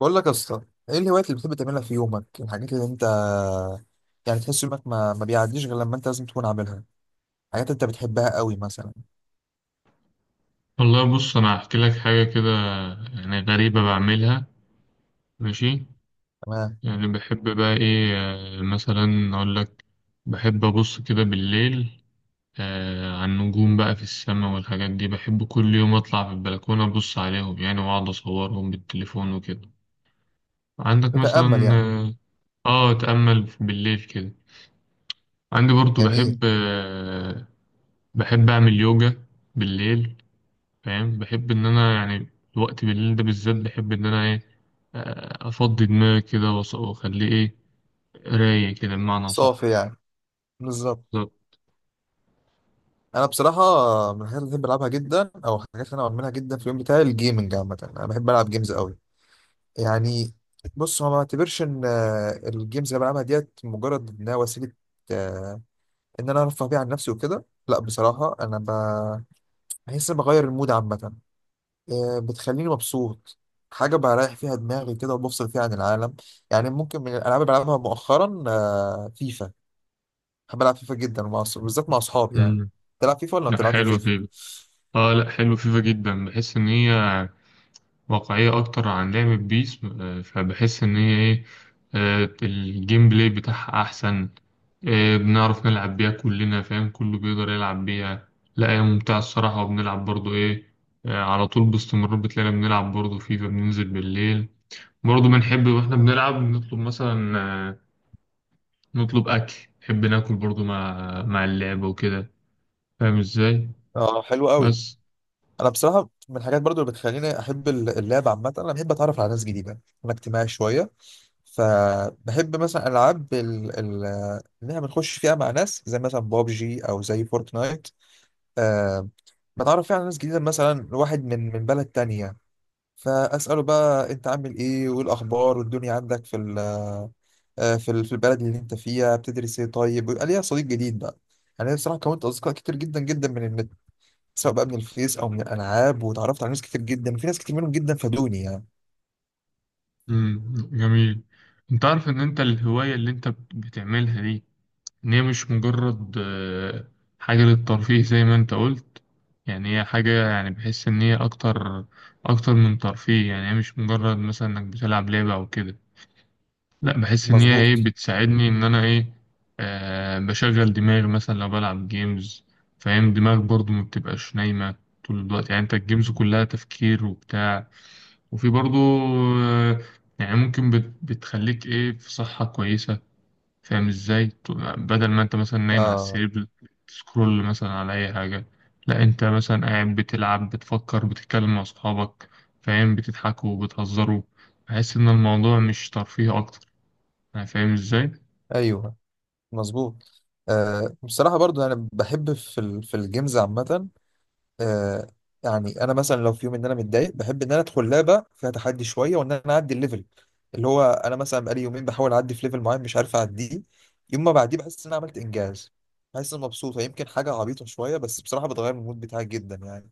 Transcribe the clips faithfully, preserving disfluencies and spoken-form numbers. بقول لك يا اسطى، ايه الهوايات اللي بتحب تعملها في يومك؟ الحاجات اللي انت يعني تحس يومك ما, ما بيعديش غير لما انت لازم تكون عاملها، حاجات انت بتحبها قوي مثلا. والله بص، انا هحكي لك حاجه كده يعني غريبه بعملها. ماشي. تمام. يعني بحب بقى ايه، آه، مثلا اقول لك، بحب ابص كده بالليل آه على النجوم بقى في السماء والحاجات دي. بحب كل يوم اطلع في البلكونه ابص عليهم يعني واقعد اصورهم بالتليفون وكده. عندك تتأمل مثلا يعني. اه آه، اتامل بالليل كده. عندي برضو بحب جميل. آه بحب اعمل يوجا بالليل. فاهم؟ بحب إن أنا يعني الوقت بالليل ده بالذات بحب إن أنا إيه، آه، أفضي دماغي كده وأص- وأخليه إيه، رايق كده بمعنى صح. صافي يعني. بالظبط. بالظبط. انا بصراحه من الحاجات اللي بحب العبها جدا او الحاجات اللي انا بعملها جدا في اليوم بتاعي الجيمنج عامه، انا بحب العب جيمز قوي يعني. بص، هو ما بعتبرش ان آه، الجيمز اللي بلعبها ديت مجرد انها وسيله، آه، ان انا ارفه بيها عن نفسي وكده. لا بصراحه انا ب... بحس إن بغير المود عامه، آه، بتخليني مبسوط. حاجة بريح فيها دماغي كده وبفصل فيها عن العالم يعني. ممكن من الألعاب اللي بلعبها مؤخرا آه، فيفا. بحب ألعب فيفا جدا مع أص- بالذات مع أصحابي يعني. أمم. تلعب فيفا ولا ما لأ، بتلعبش حلوة فيفا؟ فيفا. آه لأ حلوة فيفا جدا، بحس إن هي واقعية أكتر عن لعبة بيس، آه، فبحس إن هي إيه، آه، الجيم بلاي بتاعها أحسن. آه، بنعرف نلعب بيها كلنا فاهم، كله بيقدر يلعب بيها. لا هي ممتعة الصراحة، وبنلعب برضو إيه، آه، على طول باستمرار بتلاقينا بنلعب برضو فيفا، بننزل بالليل. برضه بنحب واحنا بنلعب نطلب مثلا، آه، نطلب اكل. نحب ناكل برضه مع مع اللعبة وكده. فاهم ازاي؟ اه حلو قوي. بس. أنا بصراحة من الحاجات برضو اللي بتخليني أحب ال- اللعب عامة، أنا بحب أتعرف على ناس جديدة. أنا اجتماعي شوية، فبحب مثلا ألعاب ال- ال- اللي احنا بنخش فيها مع ناس، زي مثلا بابجي أو زي فورتنايت. آه، بتعرف فيها على ناس جديدة، مثلا واحد من من بلد تانية، فاساله بقى انت عامل ايه وايه الاخبار والدنيا عندك في ال- آه، في ال- في البلد اللي انت فيها، بتدرس ايه؟ طيب، ويبقى ليا صديق جديد بقى. يعني انا بصراحه كونت اصدقاء كتير جدا جدا من النت، سواء بقى من الفيس او من الالعاب، وتعرفت على ناس كتير جدا، وفي ناس كتير منهم جدا فادوني يعني. مم. جميل. انت عارف ان انت الهواية اللي انت بت- بتعملها دي، ان هي مش مجرد آه، حاجة للترفيه زي ما انت قلت. يعني هي حاجة، يعني بحس ان هي اكتر اكتر من ترفيه. يعني هي مش مجرد مثلا انك بتلعب لعبة او كده، لا بحس ان هي ايه مظبوط. بتساعدني ان انا ايه آه بشغل دماغي مثلا لو بلعب جيمز. فاهم، دماغك برضو ما بتبقاش نايمة طول الوقت. يعني انت الجيمز كلها تفكير وبتاع. وفي برضو، آه يعني ممكن بت بتخليك ايه، في صحة كويسة. فاهم ازاي؟ ت- بدل ما انت مثلا نايم على اه، السرير بتسكرول مثلا على اي حاجة. لا انت مثلا قاعد بتلعب، بتفكر، بتتكلم مع اصحابك فاهم، بتضحكوا وبتهزروا. بحس ان الموضوع مش ترفيه، اكتر. أنا فاهم إزاي؟ ايوه، مظبوط. آه بصراحه برضو انا بحب في ال- في الجيمز عامه. آه يعني انا مثلا لو في يوم ان انا متضايق، بحب ان انا ادخل لعبه فيها تحدي شويه وان انا اعدي الليفل، اللي هو انا مثلا بقالي يومين بحاول اعدي في ليفل معين مش عارف اعديه، يوم ما بعديه بحس ان انا عملت انجاز، بحس ان مبسوطه. يمكن حاجه عبيطه شويه، بس بصراحه بتغير من المود بتاعي جدا يعني.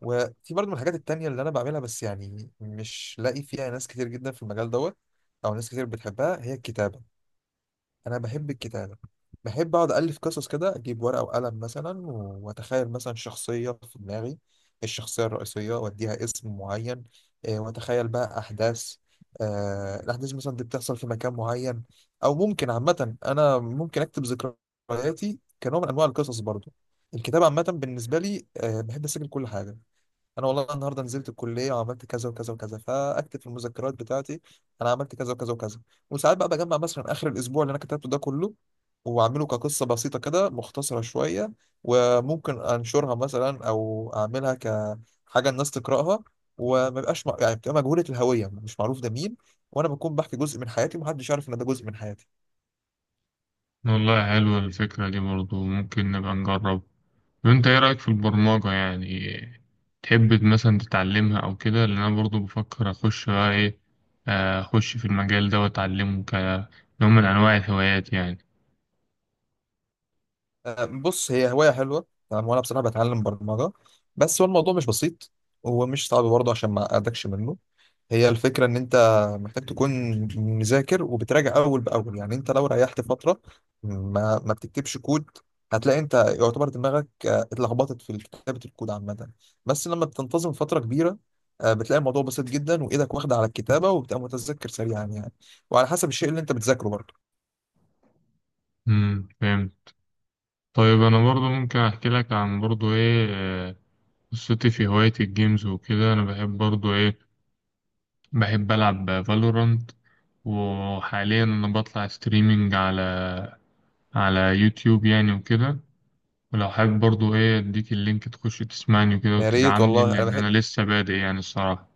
وفي برضه من الحاجات التانية اللي انا بعملها، بس يعني مش لاقي فيها ناس كتير جدا في المجال دوت او ناس كتير بتحبها، هي الكتابه. انا بحب الكتابه، بحب اقعد الف قصص كده، اجيب ورقه وقلم مثلا و- واتخيل مثلا شخصيه في دماغي، الشخصيه الرئيسيه، واديها اسم معين. آه، واتخيل بقى احداث، آه، الاحداث مثلا دي بتحصل في مكان معين. او ممكن عامه انا ممكن اكتب ذكرياتي كنوع من انواع القصص برضو. الكتابه عامه بالنسبه لي، آه، بحب اسجل كل حاجه. انا والله النهارده نزلت الكليه وعملت كذا وكذا وكذا، فاكتب في المذكرات بتاعتي انا عملت كذا وكذا وكذا. وساعات بقى بجمع مثلا اخر الاسبوع اللي انا كتبته ده كله، واعمله كقصه بسيطه كده مختصره شويه، وممكن انشرها مثلا او اعملها كحاجه الناس تقراها، وما يبقاش مع- يعني بتبقى مجهوله الهويه، مش معروف ده مين، وانا بكون بحكي جزء من حياتي ومحدش يعرف ان ده جزء من حياتي. والله حلوة الفكرة دي برضو، ممكن نبقى نجرب. وأنت إيه رأيك في البرمجة يعني؟ تحب مثلا تتعلمها أو كده؟ لأن أنا برضو بفكر أخش بقى إيه، آه، أخش في المجال ده وأتعلمه كنوع من أنواع الهوايات يعني. أه، بص، هي هوايه حلوه يعني، وانا بصراحه بتعلم برمجه. بس هو الموضوع مش بسيط، ومش صعب برضه عشان ما اقعدكش منه. هي الفكرة إن أنت محتاج تكون مذاكر وبتراجع أول بأول، يعني أنت لو ريحت فترة ما, ما بتكتبش كود، هتلاقي أنت يعتبر دماغك آه، اتلخبطت في كتابة الكود عامة. بس لما بتنتظم فترة كبيرة، آه، بتلاقي الموضوع بسيط جدا، وإيدك واخدة على الكتابة، وبتبقى متذكر سريعا يعني، وعلى حسب الشيء اللي أنت بتذاكره برضه. امم، فاهم. طيب أنا برضو ممكن أحكي لك عن برضو إيه، آه، قصتي في هواية الجيمز وكده. أنا بحب برضو إيه، بحب ألعب فالورانت. وحاليا أنا بطلع ستريمينج على على يوتيوب يعني وكده. ولو حابب برضو ايه اديك اللينك، تخش تسمعني كده يا ريت وتدعمني، والله، أنا لان بحب. انا لسه بادئ يعني الصراحة.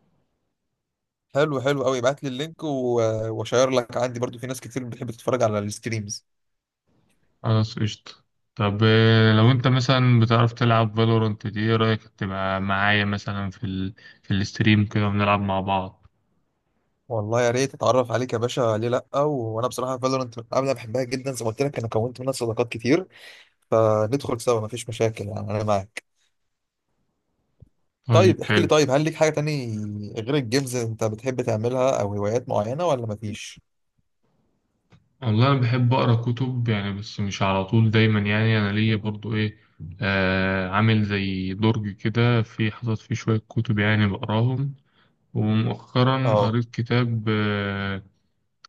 حلو، حلو قوي، ابعت لي اللينك و- آه، وأشير لك. عندي برضه في ناس كتير بتحب تتفرج على الستريمز. خلاص قشطة. طب إيه لو انت مثلا بتعرف تلعب فالورانت دي، ايه رأيك تبقى معايا مثلا في ال... في الاستريم كده ونلعب مع بعض؟ والله يا ريت اتعرف عليك يا باشا، ليه لا؟ و- وانا بصراحه فالورنت من قبل انا بحبها جدا، زي ما قلت لك انا كونت منها صداقات كتير، فندخل سوا مفيش مشاكل يعني، انا معاك. طيب طيب احكي لي، حلو. طيب هل ليك حاجه تاني غير الجيمز انت بتحب تعملها، او هوايات معينه ولا مفيش؟ والله انا بحب اقرا كتب يعني، بس مش على طول دايما. يعني انا ليا برضو ايه، آه عامل زي درج كده في حاطط فيه شوية كتب يعني، بقراهم. ومؤخرا اه، قريت كتاب،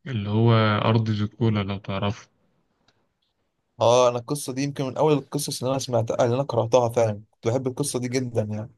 اللي هو أرض زيكولا، لو تعرفه. اه، انا القصه دي يمكن من اول القصص اللي انا سمعتها، اللي انا قراتها فعلا، كنت بحب القصه دي جدا يعني.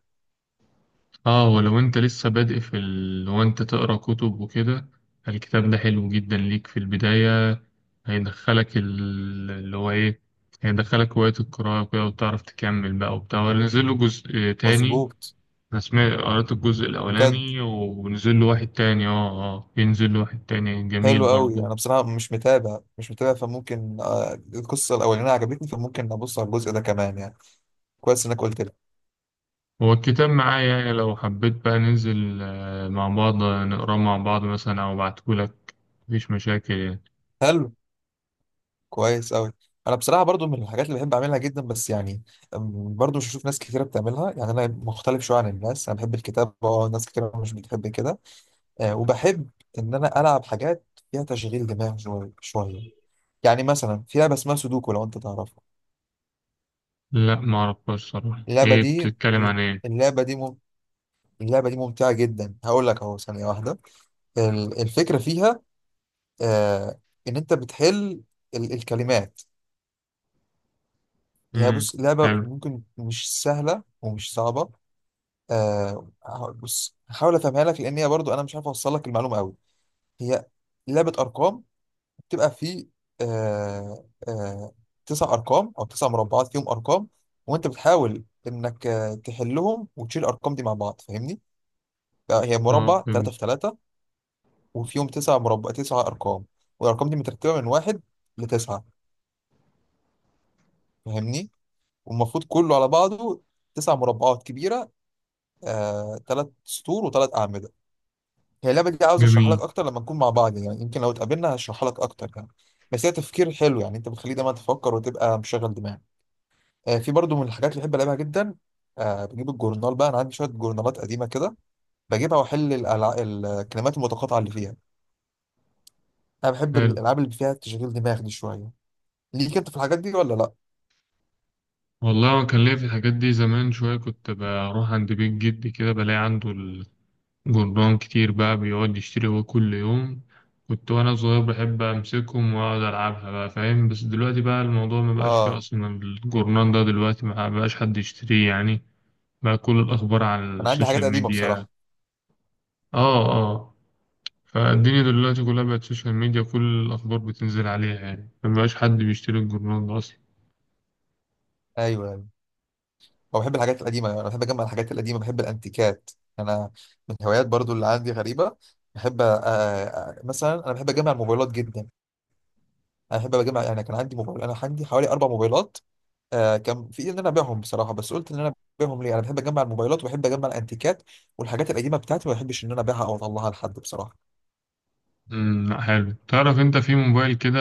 اه. ولو انت لسه بادئ في ال... وانت تقرا كتب وكده، الكتاب ده حلو جدا ليك في البداية. هيدخلك ال... اللي هو ايه هيدخلك هواية القراءة وكده، وتعرف تكمل بقى وبتاع. ونزل له جزء تاني. مظبوط. أنا سمعت قريت الجزء بجد. الأولاني، ونزل له واحد تاني. اه اه. ينزل له واحد تاني، جميل حلو قوي. برضه. انا بصراحه مش متابع، مش متابع، فممكن آه، القصه الاولانيه عجبتني، فممكن ابص على الجزء ده كمان يعني. كويس انك قلت لي. هو الكتاب معايا يعني، لو حبيت بقى ننزل آه، مع بعض آه، نقراه مع بعض مثلا أو أبعتهولك. مفيش مشاكل يعني. حلو، كويس أوي. أنا بصراحة برضو من الحاجات اللي بحب أعملها جدا، بس يعني أم، برضو مش هشوف ناس كتيرة بتعملها، يعني أنا مختلف شوية عن الناس. أنا بحب الكتابة، أه، ناس كتيرة مش بتحب كده. أه، وبحب إن أنا ألعب حاجات فيها تشغيل دماغ شوية شوية، يعني مثلا في لعبة اسمها سودوكو، لو أنت تعرفها. لا، معرفهاش صراحة، اللعبة إيه دي، بتتكلم عن إيه؟ اللعبة دي مم... اللعبة دي ممتعة جدا، هقول لك أهو، ثانية واحدة. ال- الفكرة فيها أه إن أنت بتحل ال- الكلمات. هي مم. بص، لعبة حلو. ممكن مش سهلة ومش صعبة. آه هقول- بص، هحاول افهمها لك لان هي برضو انا مش عارف اوصل لك المعلومه قوي. هي لعبه ارقام، بتبقى في آه آه تسع ارقام او تسع مربعات فيهم ارقام، وانت بتحاول انك آه، تحلهم وتشيل الارقام دي مع بعض، فاهمني؟ بقى هي أه، مربع ثلاثة فهمت. في ثلاثة، وفيهم تسع مربع، تسع ارقام، والارقام دي مترتبه من واحد لتسعه، فاهمني؟ والمفروض كله على بعضه تسع مربعات كبيره، آه ثلاث سطور وثلاث اعمده. هي اللعبة دي عاوز اشرحها جميل. لك اكتر لما نكون مع بعض، يعني يمكن لو اتقابلنا هشرحها لك اكتر يعني. بس هي تفكير حلو يعني، انت بتخليه دايما تفكر وتبقى مشغل دماغك. آه في برضو من الحاجات اللي بحب العبها جدا، آه بجيب الجورنال بقى، انا عندي شوية جورنالات قديمة كده، بجيبها واحل الألع... الكلمات المتقاطعة اللي فيها. انا بحب حلو. الالعاب اللي فيها تشغيل دماغ دي شوية. ليك انت في الحاجات دي ولا لا؟ والله أنا كان ليا في الحاجات دي زمان شوية. كنت بروح عند بيت جدي كده بلاقي عنده جربان كتير بقى، بيقعد يشتري هو كل يوم. كنت وانا صغير بحب امسكهم واقعد العبها بقى فاهم. بس دلوقتي بقى الموضوع ما بقاش فيه اه، اصلا. الجورنان ده دلوقتي ما بقاش حد يشتريه يعني. بقى كل الاخبار على انا عندي حاجات السوشيال قديمة ميديا. بصراحة. اه اه. فالدنيا دلوقتي كلها بقت سوشيال ميديا، كل الاخبار بتنزل عليها. يعني ما بقاش حد بيشتري الجورنان ده اصلا. ايوه، هو بحب الحاجات القديمة، أنا بحب أجمع الحاجات القديمة، بحب الأنتيكات. أنا من الهوايات برضو اللي عندي غريبة، بحب آه، آه، مثلا أنا بحب أجمع الموبايلات جدا. أنا بحب أجمع يعني، كان عندي موبايل، أنا عندي حوالي أربع موبايلات. آه، كان في إيدي إن أنا أبيعهم بصراحة، بس قلت إن أنا أبيعهم ليه؟ أنا بحب أجمع الموبايلات وبحب أجمع الأنتيكات والحاجات القديمة بتاعتي، ما بحبش إن أنا أبيعها أو أطلعها لحد بصراحة. امم، لأ، حلو. تعرف انت في موبايل كده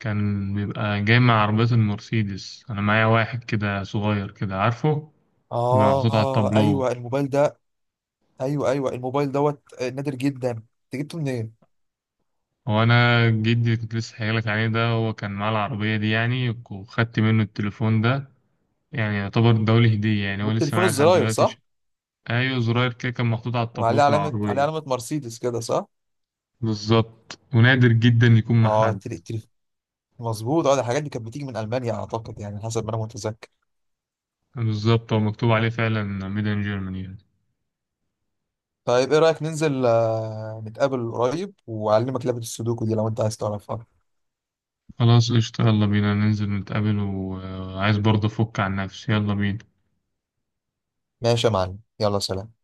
كان بيبقى جاي مع عربية المرسيدس؟ انا معايا واحد كده صغير كده، عارفه؟ بيبقى محطوط على آه التابلو. أيوه الموبايل ده. أيوه، أيوه، الموبايل دوت آه، نادر جدا، أنت جبته منين؟ وانا جدي كنت لسه حكيلك عليه ده، هو كان معاه العربيه دي يعني، وخدت منه التليفون ده. يعني يعتبر دولي هديه يعني، ده هو لسه التليفون معايا لحد الزراير، دلوقتي. صح؟ ش- ايوه زرار كده، كان محطوط على التابلو وعليه في علامة، عليه العربيه. علامة مرسيدس كده، صح؟ بالظبط، ونادر جدا يكون مع اه، حد. تلي تلي، مظبوط. اه، ده الحاجات دي كانت بتيجي من المانيا اعتقد، يعني حسب ما انا متذكر. بالظبط، هو مكتوب عليه فعلا ميد ان جيرماني يعني. طيب ايه رايك ننزل آه، نتقابل قريب واعلمك لعبه السودوكو دي لو انت عايز تعرفها. خلاص قشطة، يلا بينا ننزل نتقابل، وعايز برضه افك عن نفسي. يلا بينا. ماشي يا معلم، يلا سلام.